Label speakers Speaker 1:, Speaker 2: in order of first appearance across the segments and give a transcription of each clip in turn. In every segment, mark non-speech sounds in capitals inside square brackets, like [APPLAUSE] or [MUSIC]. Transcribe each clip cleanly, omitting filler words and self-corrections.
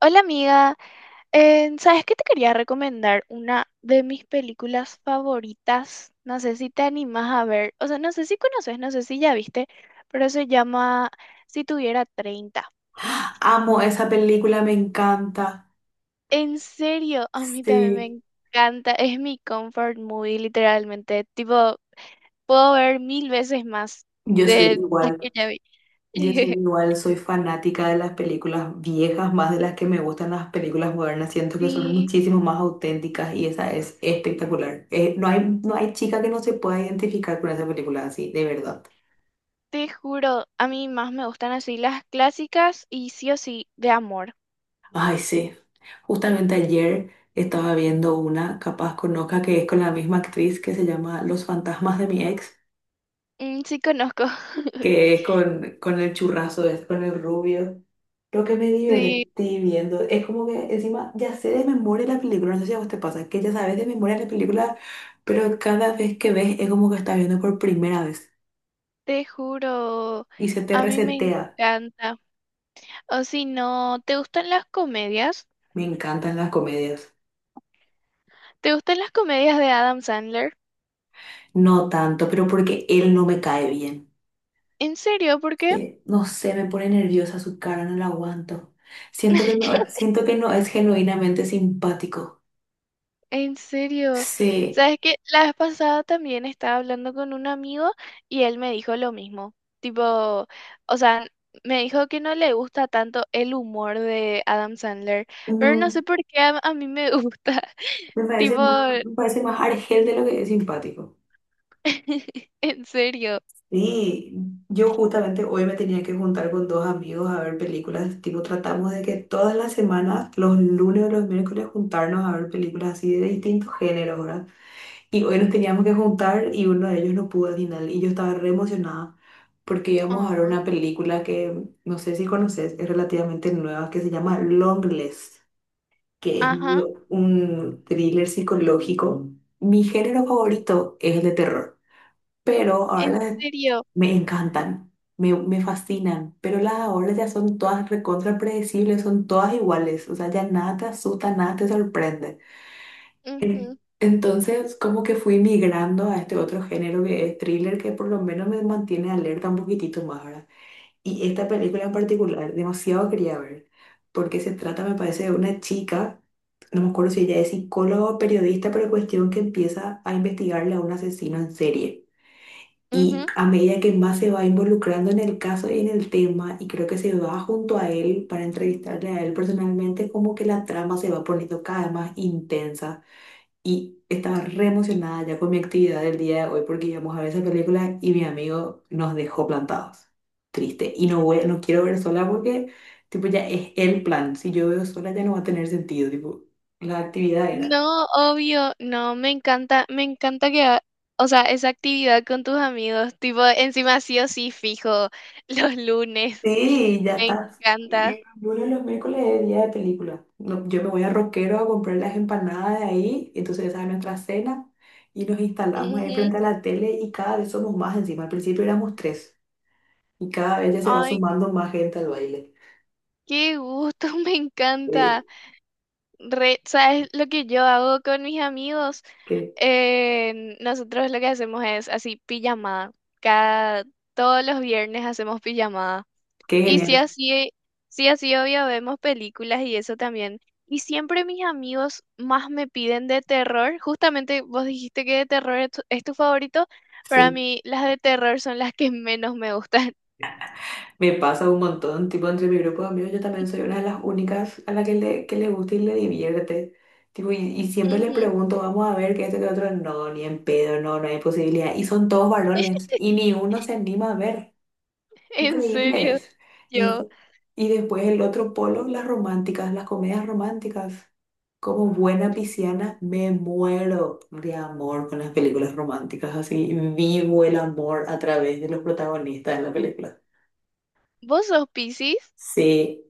Speaker 1: Hola amiga. ¿Sabes qué te quería recomendar? Una de mis películas favoritas, no sé si te animas a ver, o sea, no sé si conoces, no sé si ya viste, pero se llama Si tuviera 30.
Speaker 2: Amo esa película, me encanta.
Speaker 1: En serio, a mí también me
Speaker 2: Sí,
Speaker 1: encanta, es mi comfort movie literalmente, tipo, puedo ver mil veces más
Speaker 2: yo soy
Speaker 1: de las que
Speaker 2: igual,
Speaker 1: ya vi.
Speaker 2: yo soy
Speaker 1: [LAUGHS]
Speaker 2: igual, soy fanática de las películas viejas más de las que me gustan las películas modernas. Siento que son
Speaker 1: Sí,
Speaker 2: muchísimo más auténticas y esa es espectacular. No hay chica que no se pueda identificar con esa película, así, de verdad.
Speaker 1: te juro, a mí más me gustan así las clásicas y sí o sí de amor.
Speaker 2: Ay, sí. Justamente ayer estaba viendo una, capaz conozca, que es con la misma actriz, que se llama Los fantasmas de mi ex,
Speaker 1: Mm, sí conozco. [LAUGHS]
Speaker 2: que es con el churrazo, es con el rubio. Lo que me
Speaker 1: Sí,
Speaker 2: divertí viendo es como que encima ya sé de memoria la película, no sé si a vos te pasa, que ya sabes de memoria la película, pero cada vez que ves es como que estás viendo por primera vez
Speaker 1: te juro,
Speaker 2: y se te
Speaker 1: a mí me
Speaker 2: resetea.
Speaker 1: encanta. O si no, ¿te gustan las comedias?
Speaker 2: Me encantan las comedias.
Speaker 1: ¿Te gustan las comedias de Adam Sandler?
Speaker 2: No tanto, pero porque él no me cae bien.
Speaker 1: ¿En serio? ¿Por qué?
Speaker 2: Sí, no sé, me pone nerviosa su cara, no la aguanto.
Speaker 1: [LAUGHS]
Speaker 2: Siento que no es genuinamente simpático.
Speaker 1: En serio.
Speaker 2: Sí,
Speaker 1: ¿Sabes que la vez pasada también estaba hablando con un amigo y él me dijo lo mismo? Tipo, o sea, me dijo que no le gusta tanto el humor de Adam Sandler, pero no
Speaker 2: no,
Speaker 1: sé por qué a mí me gusta. [LAUGHS]
Speaker 2: me parece
Speaker 1: Tipo,
Speaker 2: más, me parece más argel de lo que es simpático.
Speaker 1: [LAUGHS] en serio.
Speaker 2: Sí, yo justamente hoy me tenía que juntar con dos amigos a ver películas, tipo tratamos de que todas las semanas, los lunes o los miércoles, juntarnos a ver películas así de distintos géneros, ¿verdad? Y hoy nos teníamos que juntar y uno de ellos no pudo al final y yo estaba re emocionada porque íbamos a ver
Speaker 1: Oh,
Speaker 2: una película que no sé si conoces, es relativamente nueva, que se llama Longlegs, que es
Speaker 1: ajá.
Speaker 2: medio un thriller psicológico. Mi género favorito es el de terror, pero ahora
Speaker 1: En serio.
Speaker 2: me encantan, me fascinan, pero las de ahora ya son todas recontra predecibles, son todas iguales, o sea, ya nada te asusta, nada te sorprende.
Speaker 1: Ujú,
Speaker 2: Entonces, como que fui migrando a este otro género que es thriller, que por lo menos me mantiene alerta un poquitito más ahora. Y esta película en particular, demasiado quería ver, porque se trata, me parece, de una chica, no me acuerdo si ella es psicóloga o periodista, pero cuestión que empieza a investigarle a un asesino en serie. Y
Speaker 1: ujú.
Speaker 2: a medida que más se va involucrando en el caso y en el tema, y creo que se va junto a él para entrevistarle a él personalmente, como que la trama se va poniendo cada vez más intensa. Y estaba re emocionada ya con mi actividad del día de hoy porque íbamos a ver esa película y mi amigo nos dejó plantados. Triste. Y no voy, no quiero ver sola porque, tipo, ya es el plan. Si yo veo sola ya no va a tener sentido. Tipo, la actividad era.
Speaker 1: No, obvio, no, me encanta o sea, esa actividad con tus amigos, tipo, encima sí o sí fijo, [LAUGHS] los lunes,
Speaker 2: Sí, ya
Speaker 1: me
Speaker 2: está.
Speaker 1: encanta.
Speaker 2: Y los lunes, los miércoles es día de película. No, yo me voy a Roquero a comprar las empanadas de ahí, entonces esa es nuestra cena y nos instalamos ahí
Speaker 1: Ujú.
Speaker 2: frente a la tele y cada vez somos más encima. Al principio éramos tres y cada vez ya se va
Speaker 1: Ay,
Speaker 2: sumando más gente al baile.
Speaker 1: qué gusto, [LAUGHS] me
Speaker 2: Eh,
Speaker 1: encanta. ¿Sabes lo que yo hago con mis amigos?
Speaker 2: qué,
Speaker 1: Nosotros lo que hacemos es así, pijamada. Cada, Todos los viernes hacemos pijamada.
Speaker 2: qué
Speaker 1: Y
Speaker 2: genial.
Speaker 1: sí, así obvio vemos películas y eso también. Y siempre mis amigos más me piden de terror. Justamente vos dijiste que de terror es tu favorito. Para
Speaker 2: Sí.
Speaker 1: mí, las de terror son las que menos me gustan.
Speaker 2: Me pasa un montón, tipo entre mi grupo de amigos yo también soy una de las únicas a la que que le gusta y le divierte. Tipo, y siempre le
Speaker 1: Ujú.
Speaker 2: pregunto, vamos a ver qué este que otro, no, ni en pedo, no hay posibilidad. Y son todos varones y ni uno se anima a ver.
Speaker 1: [LAUGHS] En serio,
Speaker 2: Increíbles. Y,
Speaker 1: yo.
Speaker 2: y después el otro polo, las románticas, las comedias románticas. Como buena pisciana me muero de amor con las películas románticas, así vivo el amor a través de los protagonistas de la película.
Speaker 1: ¿Vos sos Piscis?
Speaker 2: Sí.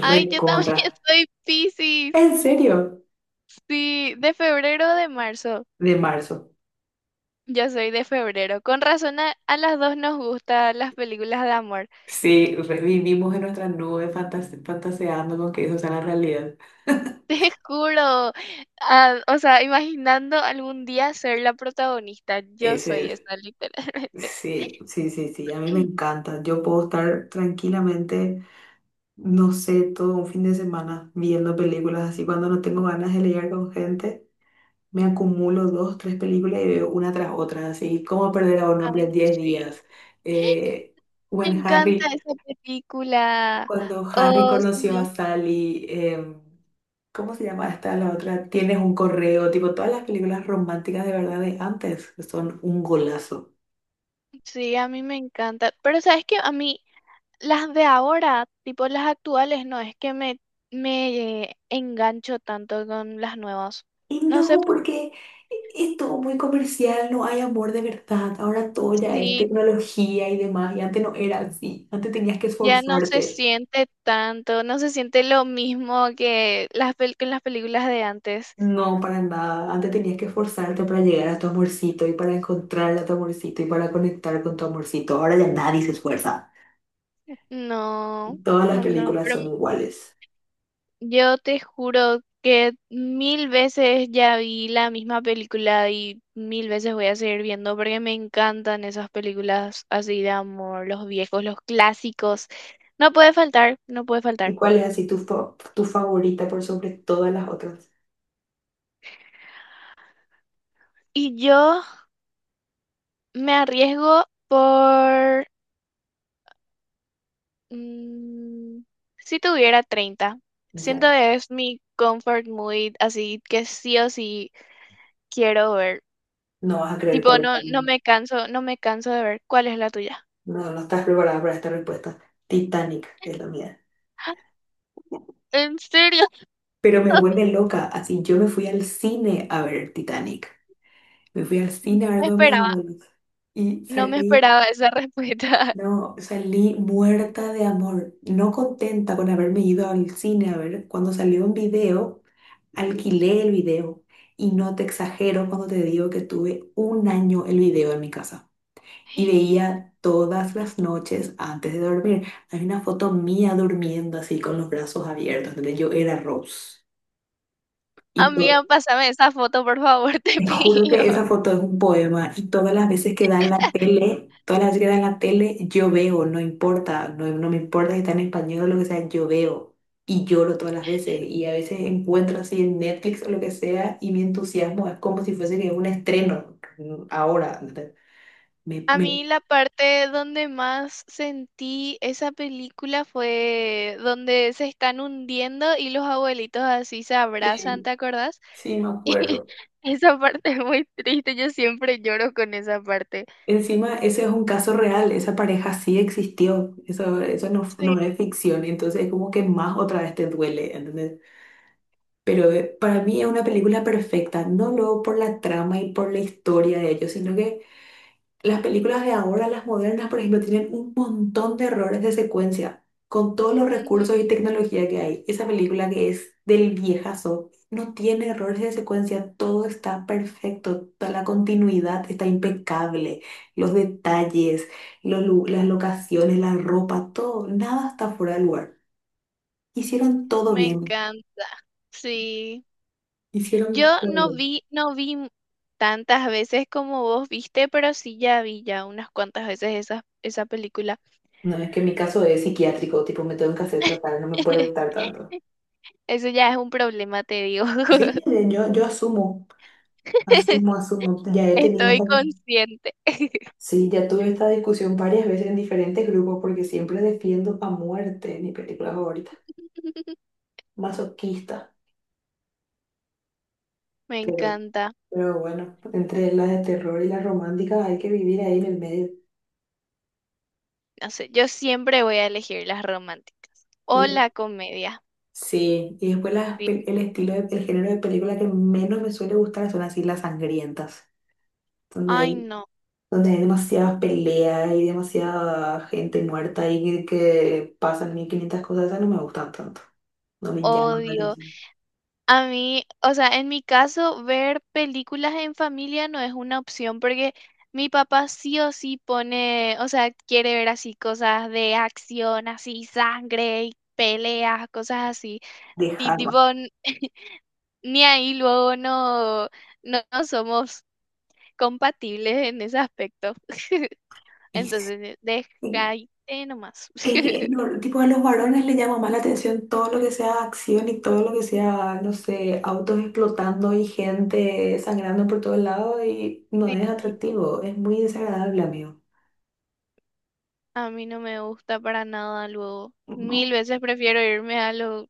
Speaker 1: Ay, yo también [LAUGHS] soy Piscis.
Speaker 2: ¿En serio?
Speaker 1: Sí, de febrero o de marzo.
Speaker 2: De marzo.
Speaker 1: Yo soy de febrero. Con razón a las dos nos gustan las películas de amor.
Speaker 2: Sí, revivimos en nuestra nube fantaseando con que eso sea la realidad.
Speaker 1: [LAUGHS] Te juro, ah, o sea, imaginando algún día ser la protagonista, yo
Speaker 2: Ese
Speaker 1: soy
Speaker 2: es.
Speaker 1: esa, literalmente.
Speaker 2: Sí, sí, sí, sí. A mí me
Speaker 1: [CLEARS THROAT]
Speaker 2: encanta. Yo puedo estar tranquilamente, no sé, todo un fin de semana viendo películas así. Cuando no tengo ganas de leer con gente, me acumulo dos, tres películas y veo una tras otra. Así, ¿Cómo perder a un hombre en
Speaker 1: Ay,
Speaker 2: Diez
Speaker 1: sí.
Speaker 2: días? Eh,
Speaker 1: Me
Speaker 2: Buen
Speaker 1: encanta
Speaker 2: Harry.
Speaker 1: esa película.
Speaker 2: Cuando Harry
Speaker 1: Oh, sí,
Speaker 2: conoció a
Speaker 1: no.
Speaker 2: Sally, ¿cómo se llama esta la otra? Tienes un correo, tipo todas las películas románticas de verdad de antes que son un golazo.
Speaker 1: Sí, a mí me encanta. Pero sabes que a mí las de ahora, tipo las actuales, no es que me engancho tanto con las nuevas.
Speaker 2: Y
Speaker 1: No sé,
Speaker 2: no, porque es todo muy comercial, no hay amor de verdad. Ahora todo ya es
Speaker 1: sí,
Speaker 2: tecnología y demás, y antes no era así. Antes tenías que
Speaker 1: ya no se
Speaker 2: esforzarte.
Speaker 1: siente tanto, no se siente lo mismo que las películas de antes.
Speaker 2: No, para nada. Antes tenías que esforzarte para llegar a tu amorcito y para encontrar a tu amorcito y para conectar con tu amorcito. Ahora ya nadie se esfuerza.
Speaker 1: No,
Speaker 2: Todas las
Speaker 1: no, no,
Speaker 2: películas
Speaker 1: pero
Speaker 2: son iguales.
Speaker 1: yo te juro que mil veces ya vi la misma película y mil veces voy a seguir viendo porque me encantan esas películas así de amor, los viejos, los clásicos. No puede faltar, no puede
Speaker 2: ¿Y
Speaker 1: faltar.
Speaker 2: cuál es así tu, fa- tu favorita por sobre todas las otras?
Speaker 1: Y yo me arriesgo por Mm, si tuviera 30
Speaker 2: O sea,
Speaker 1: siento que es mi comfort movie, así que sí o sí quiero ver.
Speaker 2: no vas a creer
Speaker 1: Tipo,
Speaker 2: cuál es
Speaker 1: no,
Speaker 2: la
Speaker 1: no
Speaker 2: mía.
Speaker 1: me canso, no me canso de ver. ¿Cuál es la tuya?
Speaker 2: No, no estás preparada para esta respuesta. Titanic es la mía.
Speaker 1: [GASPS] ¡Ah! ¿En serio?
Speaker 2: Pero me
Speaker 1: [LAUGHS]
Speaker 2: vuelve loca. Así, yo me fui al cine a ver Titanic. Me fui al cine a ver
Speaker 1: Me
Speaker 2: con mis
Speaker 1: esperaba,
Speaker 2: abuelos. Y
Speaker 1: no me
Speaker 2: salí,
Speaker 1: esperaba esa respuesta.
Speaker 2: no, salí muerta de amor. No contenta con haberme ido al cine a ver. Cuando salió un video, alquilé el video. Y no te exagero cuando te digo que tuve un año el video en mi casa. Y
Speaker 1: [LAUGHS]
Speaker 2: veía todas las noches antes de dormir. Hay una foto mía durmiendo así con los brazos abiertos, donde yo era Rose. Y to-
Speaker 1: Amiga, pásame esa foto, por favor, [LAUGHS] te
Speaker 2: Te juro
Speaker 1: pido.
Speaker 2: que esa foto es un poema, y todas las veces que dan la tele, todas las veces que dan la tele, yo veo, no importa, no, no me importa si está en español o lo que sea, yo veo. Y lloro todas las veces y a veces encuentro así en Netflix o lo que sea y mi entusiasmo es como si fuese que es un estreno ahora. ¿Entendés? Me,
Speaker 1: A
Speaker 2: me...
Speaker 1: mí la parte donde más sentí esa película fue donde se están hundiendo y los abuelitos así se abrazan, ¿te
Speaker 2: Sí,
Speaker 1: acordás?
Speaker 2: sí, me
Speaker 1: [LAUGHS]
Speaker 2: acuerdo.
Speaker 1: Esa parte es muy triste, yo siempre lloro con esa parte.
Speaker 2: Encima, ese es un caso real, esa pareja sí existió, eso no,
Speaker 1: Sí,
Speaker 2: no es ficción, entonces es como que más otra vez te duele, ¿entendés? Pero para mí es una película perfecta, no luego por la trama y por la historia de ellos, sino que las películas de ahora, las modernas, por ejemplo, tienen un montón de errores de secuencia con todos los
Speaker 1: ujú,
Speaker 2: recursos y tecnología que hay. Esa película que es del viejazo no tiene errores de secuencia, todo está perfecto, toda la continuidad está impecable, los detalles, las locaciones, la ropa, todo, nada está fuera de lugar. Hicieron todo
Speaker 1: me
Speaker 2: bien,
Speaker 1: encanta. Sí,
Speaker 2: hicieron
Speaker 1: yo
Speaker 2: todo
Speaker 1: no
Speaker 2: bien.
Speaker 1: vi, no vi m- tantas veces como vos viste, pero sí ya vi ya unas cuantas veces esa película.
Speaker 2: No, es que mi caso es psiquiátrico, tipo me tengo que hacer tratar, no me puede
Speaker 1: [LAUGHS]
Speaker 2: gustar tanto.
Speaker 1: Eso ya es un problema, te digo.
Speaker 2: Sí, yo asumo.
Speaker 1: [LAUGHS]
Speaker 2: Asumo, asumo. Ya he tenido
Speaker 1: Estoy
Speaker 2: también,
Speaker 1: consciente.
Speaker 2: sí, ya tuve esta discusión varias veces en diferentes grupos porque siempre defiendo a muerte mi película favorita.
Speaker 1: [LAUGHS]
Speaker 2: Masoquista.
Speaker 1: Me
Speaker 2: Pero,
Speaker 1: encanta.
Speaker 2: pero bueno, entre las de terror y las románticas hay que vivir ahí en el medio.
Speaker 1: No sé, yo siempre voy a elegir las románticas o
Speaker 2: Y
Speaker 1: la comedia.
Speaker 2: sí, y después las,
Speaker 1: Sí.
Speaker 2: el estilo, el género de película que menos me suele gustar son así las sangrientas. Donde
Speaker 1: Ay,
Speaker 2: hay,
Speaker 1: no,
Speaker 2: donde hay demasiadas peleas y demasiada gente muerta y que pasan 1500 cosas, esas no me gustan tanto. No me llaman la
Speaker 1: odio.
Speaker 2: atención.
Speaker 1: A mí, o sea, en mi caso, ver películas en familia no es una opción porque mi papá sí o sí pone, o sea, quiere ver así cosas de acción, así sangre y peleas, cosas así.
Speaker 2: De
Speaker 1: Y
Speaker 2: Harvard.
Speaker 1: tipo, ni ahí luego no, no, no somos compatibles en ese aspecto. [LAUGHS]
Speaker 2: Y sí,
Speaker 1: Entonces, deja nomás.
Speaker 2: es que
Speaker 1: [LAUGHS]
Speaker 2: no, tipo, a los varones les llama más la atención todo lo que sea acción y todo lo que sea, no sé, autos explotando y gente sangrando por todos lados y no
Speaker 1: Sí.
Speaker 2: es atractivo, es muy desagradable, amigo.
Speaker 1: A mí no me gusta para nada luego. Mil
Speaker 2: ¿No?
Speaker 1: veces prefiero irme a lo,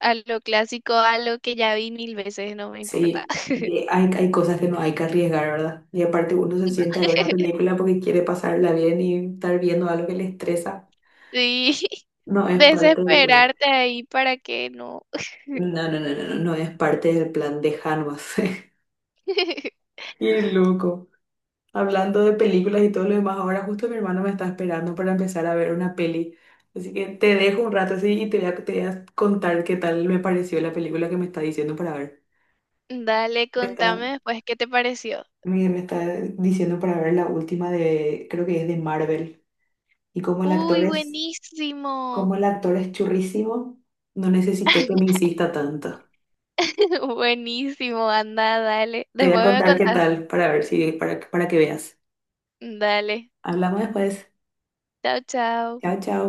Speaker 1: a lo clásico, a lo que ya vi mil veces, no me importa.
Speaker 2: Sí, y hay cosas que no hay que arriesgar, ¿verdad? Y aparte uno se sienta a ver una
Speaker 1: [LAUGHS]
Speaker 2: película porque quiere pasarla bien y estar viendo algo que le estresa.
Speaker 1: Sí, [LAUGHS]
Speaker 2: No es parte del plan.
Speaker 1: desesperarte ahí para que no.
Speaker 2: No, no, no, no, no, no es parte del plan de Hanvas.
Speaker 1: [LAUGHS]
Speaker 2: [LAUGHS] Qué loco. Hablando de películas y todo lo demás, ahora justo mi hermano me está esperando para empezar a ver una peli. Así que te dejo un rato así y te voy a contar qué tal me pareció la película que me está diciendo para ver.
Speaker 1: Dale,
Speaker 2: Me está,
Speaker 1: contame después qué te pareció.
Speaker 2: me está diciendo para ver la última de, creo que es de Marvel. Y como el actor
Speaker 1: Uy,
Speaker 2: es, como
Speaker 1: buenísimo.
Speaker 2: el actor es churrísimo, no necesité que me insista tanto.
Speaker 1: [LAUGHS] Buenísimo, anda, dale.
Speaker 2: Te voy a
Speaker 1: Después me
Speaker 2: contar qué
Speaker 1: contás.
Speaker 2: tal para ver si, para que veas.
Speaker 1: Dale.
Speaker 2: Hablamos después.
Speaker 1: Chao, chao.
Speaker 2: Chao, chao.